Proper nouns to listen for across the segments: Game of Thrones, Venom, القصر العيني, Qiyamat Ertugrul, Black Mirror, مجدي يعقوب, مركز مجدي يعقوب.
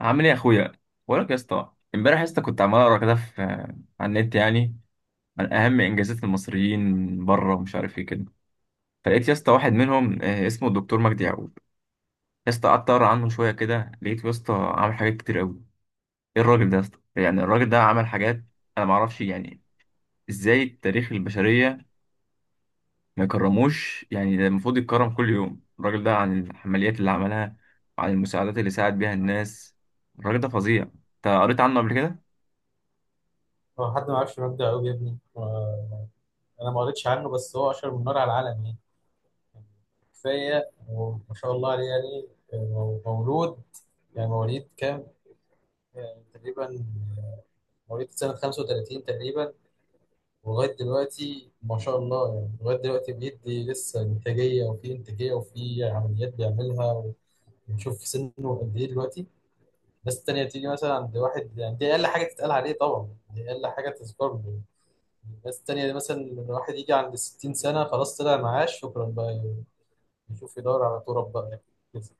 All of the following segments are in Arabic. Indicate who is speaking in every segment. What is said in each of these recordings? Speaker 1: عامل ايه يا اخويا؟ بقول لك يا اسطى، امبارح يا اسطى كنت عمال اقرا كده في على النت يعني، عن اهم انجازات المصريين بره ومش عارف ايه كده. فلقيت يا اسطى واحد منهم، اسمه الدكتور مجدي يعقوب. يا اسطى قعدت اقرا عنه شويه كده، لقيته يا اسطى عامل حاجات كتير قوي. ايه الراجل ده يا اسطى؟ يعني الراجل ده عمل حاجات انا ما اعرفش يعني، ازاي التاريخ، البشريه ما يكرموش يعني؟ ده المفروض يتكرم كل يوم الراجل ده، عن العمليات اللي عملها وعن المساعدات اللي ساعد بيها الناس. الراجل ده فظيع، انت قريت عنه قبل كده؟
Speaker 2: هو حد ما يعرفش مجدي يعقوب يا ابني انا ما قريتش عنه بس هو اشهر من نار على العالم يعني كفايه وما شاء الله عليه يعني مولود يعني مواليد كام يعني تقريبا آه، مواليد سنه 35 تقريبا. ولغايه دلوقتي ما شاء الله يعني لغايه دلوقتي بيدي لسه انتاجيه وفي عمليات بيعملها ونشوف في سنه قد ايه دلوقتي. الناس التانية تيجي مثلا عند واحد، يعني دي أقل حاجة تتقال عليه، طبعا دي أقل حاجة تذكر له. الناس التانية دي مثلا لما الواحد يجي عند 60 سنة خلاص طلع معاش شكرا بقى، يشوف يدور على تراب بقى يعني.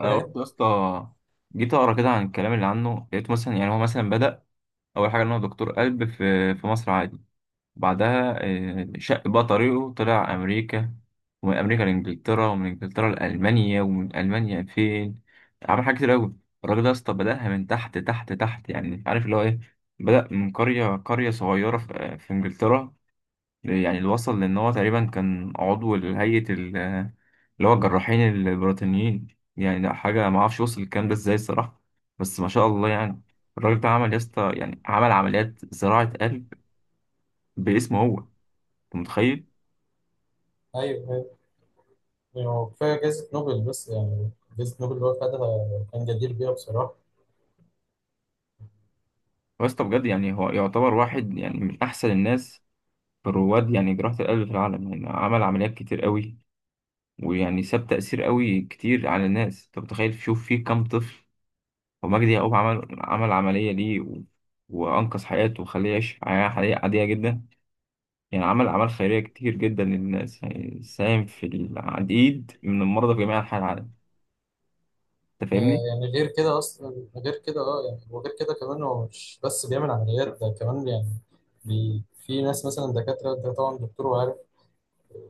Speaker 1: انا
Speaker 2: فاهم؟
Speaker 1: برضه يا اسطى جيت اقرا كده عن الكلام اللي عنه، لقيت مثلا يعني هو مثلا بدأ اول حاجه ان هو دكتور قلب في مصر عادي. بعدها شق بقى طريقه، طلع امريكا، ومن امريكا لانجلترا، ومن انجلترا لالمانيا، ومن المانيا فين. عمل حاجات كتير قوي. الراجل ده يا اسطى بدأها من تحت تحت تحت، يعني عارف اللي هو ايه. بدأ من قريه قريه صغيره في انجلترا. يعني اللي وصل لان هو تقريبا كان عضو لهيئه اللي هو الجراحين البريطانيين. يعني لا حاجة ما اعرفش وصل الكلام ده ازاي الصراحة. بس ما شاء الله يعني. الراجل ده عمل يا اسطى، يعني عمل عمليات زراعة قلب باسمه هو، انت متخيل؟
Speaker 2: أيوه أيوه. يعني هو كفاية جايزة نوبل بس يعني، جايزة نوبل اللي هو خدها كان جدير بيها بصراحة.
Speaker 1: هو يا اسطى بجد، يعني هو يعتبر واحد يعني من أحسن الناس في الرواد يعني جراحة القلب في العالم. يعني عمل عمليات كتير قوي، ويعني ساب تأثير قوي كتير على الناس. انت متخيل شوف فيه كام طفل ومجدي يعقوب عمل عملية ليه وأنقذ حياته وخليه يعيش حياة حقيقية عادية جدا؟ يعني عمل أعمال خيرية كتير جدا للناس، يعني ساهم في العديد من المرضى في جميع أنحاء العالم. أنت
Speaker 2: ده
Speaker 1: فاهمني؟
Speaker 2: يعني غير كده أصلا، غير كده أه يعني، وغير كده كمان هو مش بس بيعمل عمليات، ده كمان يعني بي في ناس مثلا دكاترة، ده طبعا دكتور وعارف، آه،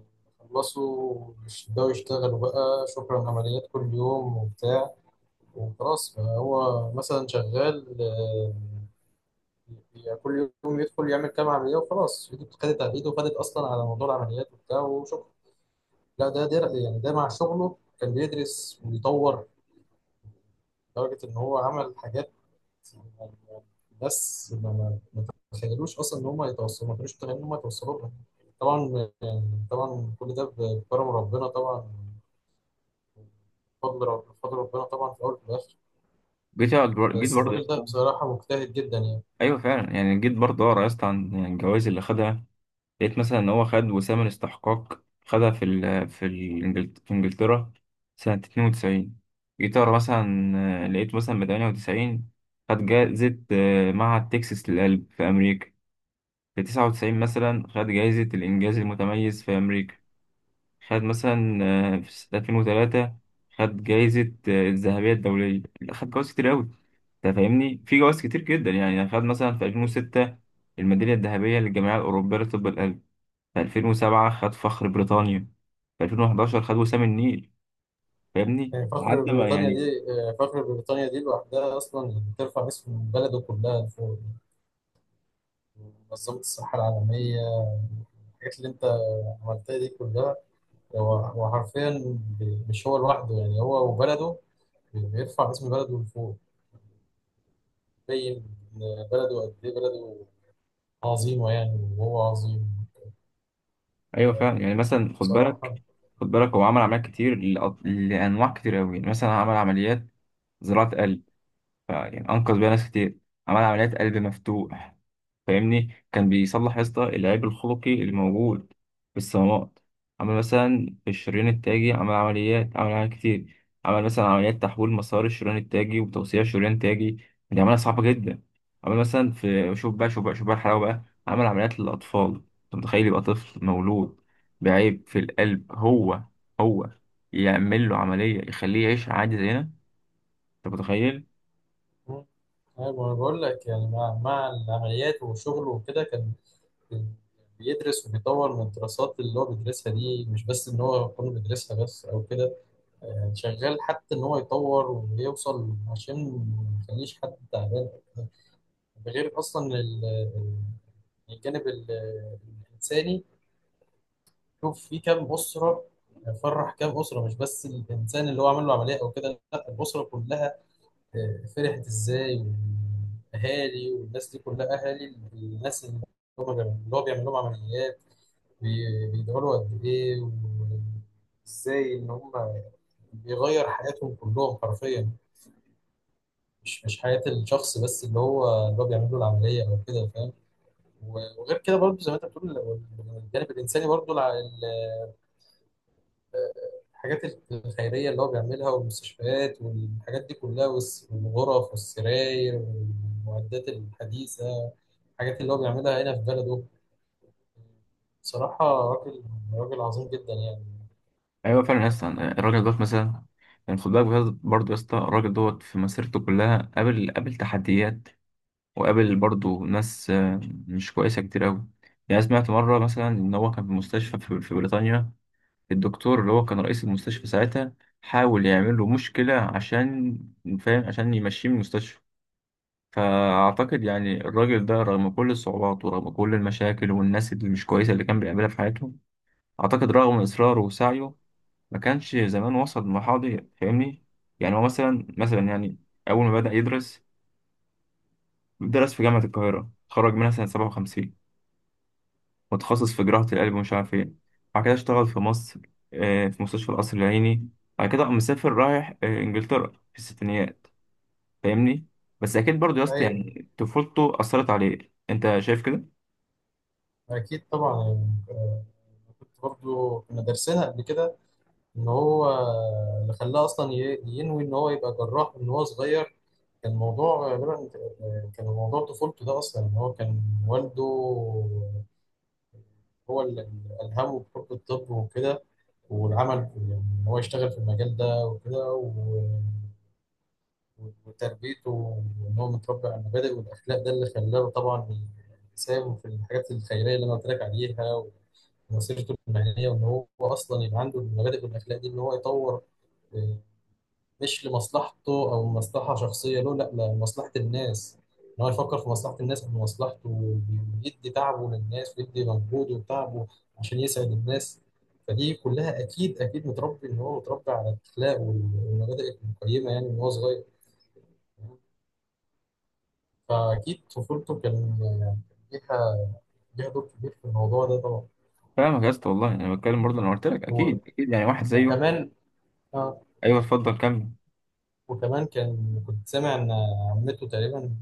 Speaker 2: خلصوا مش بيبدأوا يشتغلوا بقى، شكرا عمليات كل يوم وبتاع وخلاص. فهو مثلا شغال يعني كل يوم يدخل يعمل كام عملية وخلاص، ايده خدت، على ايده وخدت اصلا على موضوع العمليات وبتاع وشكرا. لا ده يعني ده مع شغله كان بيدرس ويطور لدرجة ان هو عمل حاجات يعني، بس ما تخيلوش اصلا ان هم يتوصلوا، ما كانوش متخيلين ان هم يتوصلوا لها. طبعا يعني طبعا كل ده بكرم ربنا طبعا، بفضل ربنا طبعا في الاول وفي الاخر.
Speaker 1: جيت
Speaker 2: بس
Speaker 1: برضه يا
Speaker 2: الراجل ده
Speaker 1: اسطى.
Speaker 2: بصراحة مجتهد جدا يعني.
Speaker 1: أيوه فعلا، يعني جيت برضه أقرا يا اسطى عن يعني الجوائز اللي خدها. لقيت مثلا إن هو خد وسام الاستحقاق، خدها في إنجلترا سنة 92. جيت أقرا مثلا، لقيت مثلا من 98 خد جائزة معهد تكساس للقلب في أمريكا. في 99 مثلا خد جائزة الإنجاز المتميز في أمريكا. خد مثلا، في سنة 2003 خد جايزة، الذهبية الدولية. لا، خد جوائز كتير أوي. أنت فاهمني، في جوائز كتير جدا. يعني خد مثلا في 2006 الميدالية الذهبية للجمعية الأوروبية لطب القلب. في 2007 خد فخر بريطانيا. في 2011 خد وسام النيل. فاهمني
Speaker 2: يعني فخر
Speaker 1: لحد ما
Speaker 2: بريطانيا
Speaker 1: يعني.
Speaker 2: دي فخر بريطانيا دي لوحدها أصلا بترفع اسم بلده كلها فوق. منظمة الصحة العالمية، الحاجات اللي أنت عملتها دي كلها، هو حرفيا مش هو لوحده، يعني هو وبلده بيرفع اسم بلده لفوق. بين، بلده قد إيه، بلده عظيمة يعني وهو عظيم
Speaker 1: أيوه فعلا يعني، مثلا خد
Speaker 2: بصراحة.
Speaker 1: بالك، خد بالك هو عمل عمليات كتير لأنواع كتير أوي. يعني مثلا عمل عمليات زراعة قلب، فيعني انقذ بيها ناس كتير. عمل عمليات قلب مفتوح، فاهمني، كان بيصلح يا اسطى العيب الخلقي اللي موجود في الصمامات. عمل مثلا في الشريان التاجي، عمل عمليات كتير. عمل مثلا عمليات تحويل مسار الشريان التاجي وتوسيع الشريان التاجي. دي عملية صعبة جدا. عمل مثلا في، شوف بقى شوف بقى شوف بقى الحلاوة بقى، عمل عمليات للأطفال. أنت متخيل يبقى طفل مولود بعيب في القلب، هو يعمل له عملية يخليه يعيش عادي زينا؟ أنت متخيل؟
Speaker 2: مم. أيوة، ما أنا بقول لك يعني مع العمليات وشغله وكده كان بيدرس وبيطور من الدراسات اللي هو بيدرسها دي، مش بس ان هو يكون بيدرسها بس او كده، يعني شغال حتى ان هو يطور ويوصل عشان ما يخليش حد تعبان. ده غير اصلا الجانب الانساني، شوف في كام اسره فرح، كام اسره، مش بس الانسان اللي هو عمل له عمليه او كده، لا الاسره كلها فرحت ازاي. والاهالي والناس دي كلها اهالي الناس اللي هو بيعمل لهم عمليات بيدعوا له قد ايه، وازاي ان هم بيغير حياتهم كلهم حرفيا، مش حياة الشخص بس اللي هو بيعمل له العملية او كده، فاهم. وغير كده برضه زي ما انت بتقول، ال- الجانب الانساني برضه الحاجات الخيرية اللي هو بيعملها والمستشفيات والحاجات دي كلها، والغرف والسراير والمعدات الحديثة، الحاجات اللي هو بيعملها هنا في بلده. صراحة راجل، راجل عظيم جدا يعني.
Speaker 1: ايوه فعلا يا اسطى، الراجل دوت مثلا، يعني خد بالك بجد برضه يا اسطى، الراجل دوت في مسيرته كلها قابل تحديات، وقابل برضه ناس مش كويسه كتير قوي. يعني سمعت مره مثلا ان هو كان في مستشفى في بريطانيا، الدكتور اللي هو كان رئيس المستشفى ساعتها حاول يعمل له مشكله، عشان فاهم، عشان يمشيه من المستشفى. فاعتقد يعني الراجل ده رغم كل الصعوبات ورغم كل المشاكل والناس اللي مش كويسه اللي كان بيقابلها في حياته، اعتقد رغم اصراره وسعيه ما كانش زمان وصل للمرحلة دي، فاهمني. يعني هو مثلا يعني أول ما بدأ يدرس، درس في جامعة القاهرة، اتخرج منها سنة 57 متخصص في جراحة القلب ومش عارف إيه. بعد كده اشتغل في مصر، في مستشفى القصر العيني. بعد كده قام مسافر رايح إنجلترا في الستينيات، فاهمني. بس أكيد برضه يا اسطى
Speaker 2: أيوة
Speaker 1: يعني طفولته أثرت عليه، أنت شايف كده؟
Speaker 2: أكيد طبعا يعني آه، كنت برضو كنا دارسينها قبل كده. إن هو اللي خلاه أصلا ينوي إن هو يبقى جراح من هو صغير. كان الموضوع غالبا كان موضوع طفولته ده أصلا، إن هو كان والده هو اللي ألهمه بحب الطب وكده، والعمل يعني إن هو يشتغل في المجال ده وكده. وتربيته وإن هو متربي على المبادئ والأخلاق، ده اللي خلاه طبعا يساهم في الحاجات الخيرية اللي أنا قلت لك عليها، ومسيرته المهنية، وإن هو أصلا يبقى عنده المبادئ والأخلاق دي، إن هو يطور آه، مش لمصلحته أو مصلحة شخصية له، لا لمصلحة الناس، إن هو يفكر في مصلحة الناس قبل مصلحته، ويدي تعبه للناس ويدي مجهوده وتعبه عشان يسعد الناس. فدي كلها أكيد، أكيد متربي، إن هو متربي على الأخلاق والمبادئ القيمة يعني من هو صغير. فأكيد طفولته كان كان ليها، ليها دور كبير في الموضوع ده طبعا.
Speaker 1: فاهمك يا اسطى، والله أنا بتكلم برضه، أنا قلت لك
Speaker 2: و...
Speaker 1: أكيد أكيد، يعني واحد زيه.
Speaker 2: وكمان آه.
Speaker 1: أيوه اتفضل كمل.
Speaker 2: وكمان كان سامع إن عمته تقريبا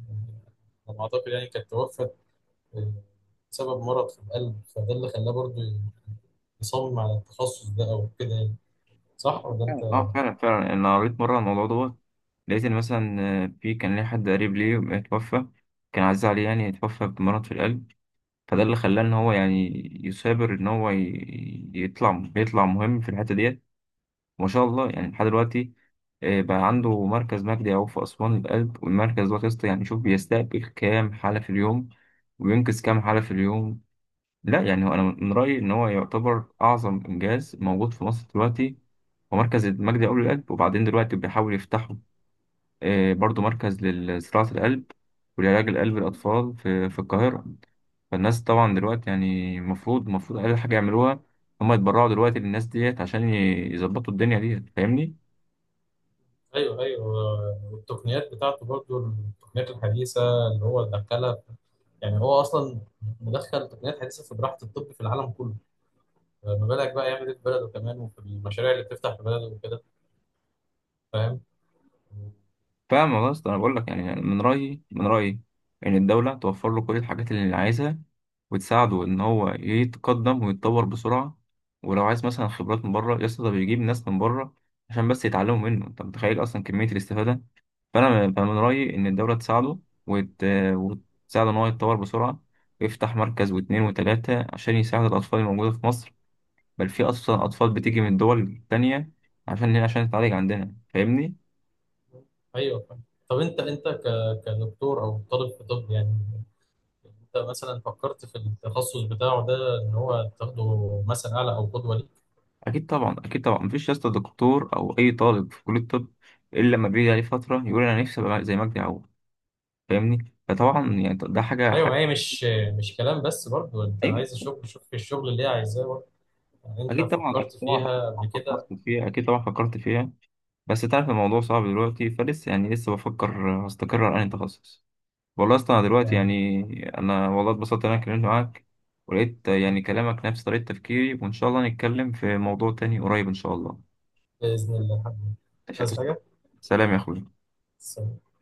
Speaker 2: على ما أعتقد يعني كانت توفت آه، بسبب مرض في القلب، فده اللي خلاه برضه يصمم على التخصص ده أو كده يعني. صح ولا
Speaker 1: فعلا
Speaker 2: أنت؟
Speaker 1: فعلا فعلا، انا قريت مره عن الموضوع دوت. لقيت ان مثلا في، كان ليه حد قريب ليه اتوفى، كان عزيز عليه، يعني اتوفى بمرض في القلب. فده اللي خلاه ان هو يعني يثابر ان هو يطلع مهم في الحته ديت. ما شاء الله يعني، لحد دلوقتي بقى عنده مركز مجدي يعقوب في اسوان للقلب، والمركز ده قسط يعني. شوف بيستقبل كام حاله في اليوم وينقذ كام حاله في اليوم. لا يعني هو انا من رايي ان هو يعتبر اعظم انجاز موجود في مصر دلوقتي. هو مركز المجدي اول القلب، وبعدين دلوقتي بيحاول يفتحوا برضو مركز لزراعه القلب ولعلاج القلب للاطفال في القاهره. فالناس طبعا دلوقتي يعني المفروض، اقل حاجه يعملوها هم يتبرعوا دلوقتي للناس ديت عشان يظبطوا الدنيا ديت، فاهمني.
Speaker 2: أيوه أيوه. والتقنيات بتاعته برضه، التقنيات الحديثة اللي هو دخلها، يعني هو أصلا مدخل تقنيات حديثة في براحة الطب في العالم كله، ما بالك بقى يعمل ايه في بلده كمان وفي المشاريع اللي بتفتح في بلده وكده، فاهم.
Speaker 1: فاهم والله يا اسطى، انا بقول لك يعني، من رايي ان الدوله توفر له كل الحاجات اللي عايزها، وتساعده ان هو يتقدم ويتطور بسرعه. ولو عايز مثلا خبرات من بره يا اسطى، ده بيجيب ناس من بره عشان بس يتعلموا منه. انت متخيل اصلا كميه الاستفاده؟ فأنا من رايي ان الدوله تساعده، وت... وتساعده ان هو يتطور بسرعه، ويفتح مركز واتنين وتلاته عشان يساعد الاطفال الموجوده في مصر. بل في اصلا اطفال بتيجي من دول تانية عشان تتعالج عندنا، فاهمني.
Speaker 2: ايوه فاهم. طب كدكتور او طالب في طب يعني، انت مثلا فكرت في التخصص بتاعه ده، ان هو تاخده مثلا اعلى او قدوه ليك.
Speaker 1: اكيد طبعا اكيد طبعا، مفيش يا اسطى دكتور او اي طالب في كليه الطب الا لما بيجي عليه فتره يقول انا نفسي ابقى زي مجدي يعقوب، فاهمني. فطبعا يعني ده حاجه
Speaker 2: ايوه، ما
Speaker 1: حاجه.
Speaker 2: هي مش كلام بس برضه، انت عايز
Speaker 1: ايوه
Speaker 2: شغل، شوف في الشغل اللي هي عايزاه برضه. يعني انت
Speaker 1: اكيد طبعا اكيد
Speaker 2: فكرت
Speaker 1: طبعا أكيد
Speaker 2: فيها
Speaker 1: طبعاً
Speaker 2: قبل كده؟
Speaker 1: فكرت فيها، اكيد طبعا فكرت فيها. بس تعرف الموضوع صعب دلوقتي فلسه، يعني لسه بفكر هستقر على انهي تخصص. والله اصلا أنا دلوقتي
Speaker 2: يعني
Speaker 1: يعني، انا والله اتبسطت ان انا اتكلمت معاك، ولقيت
Speaker 2: حبيبي،
Speaker 1: يعني كلامك نفس طريقه تفكيري. وان شاء الله نتكلم في موضوع تاني قريب ان شاء الله.
Speaker 2: باذن الله حبيبي. مش
Speaker 1: ماشي يا أستاذ.
Speaker 2: عايز حاجه.
Speaker 1: سلام يا اخوي
Speaker 2: سلام.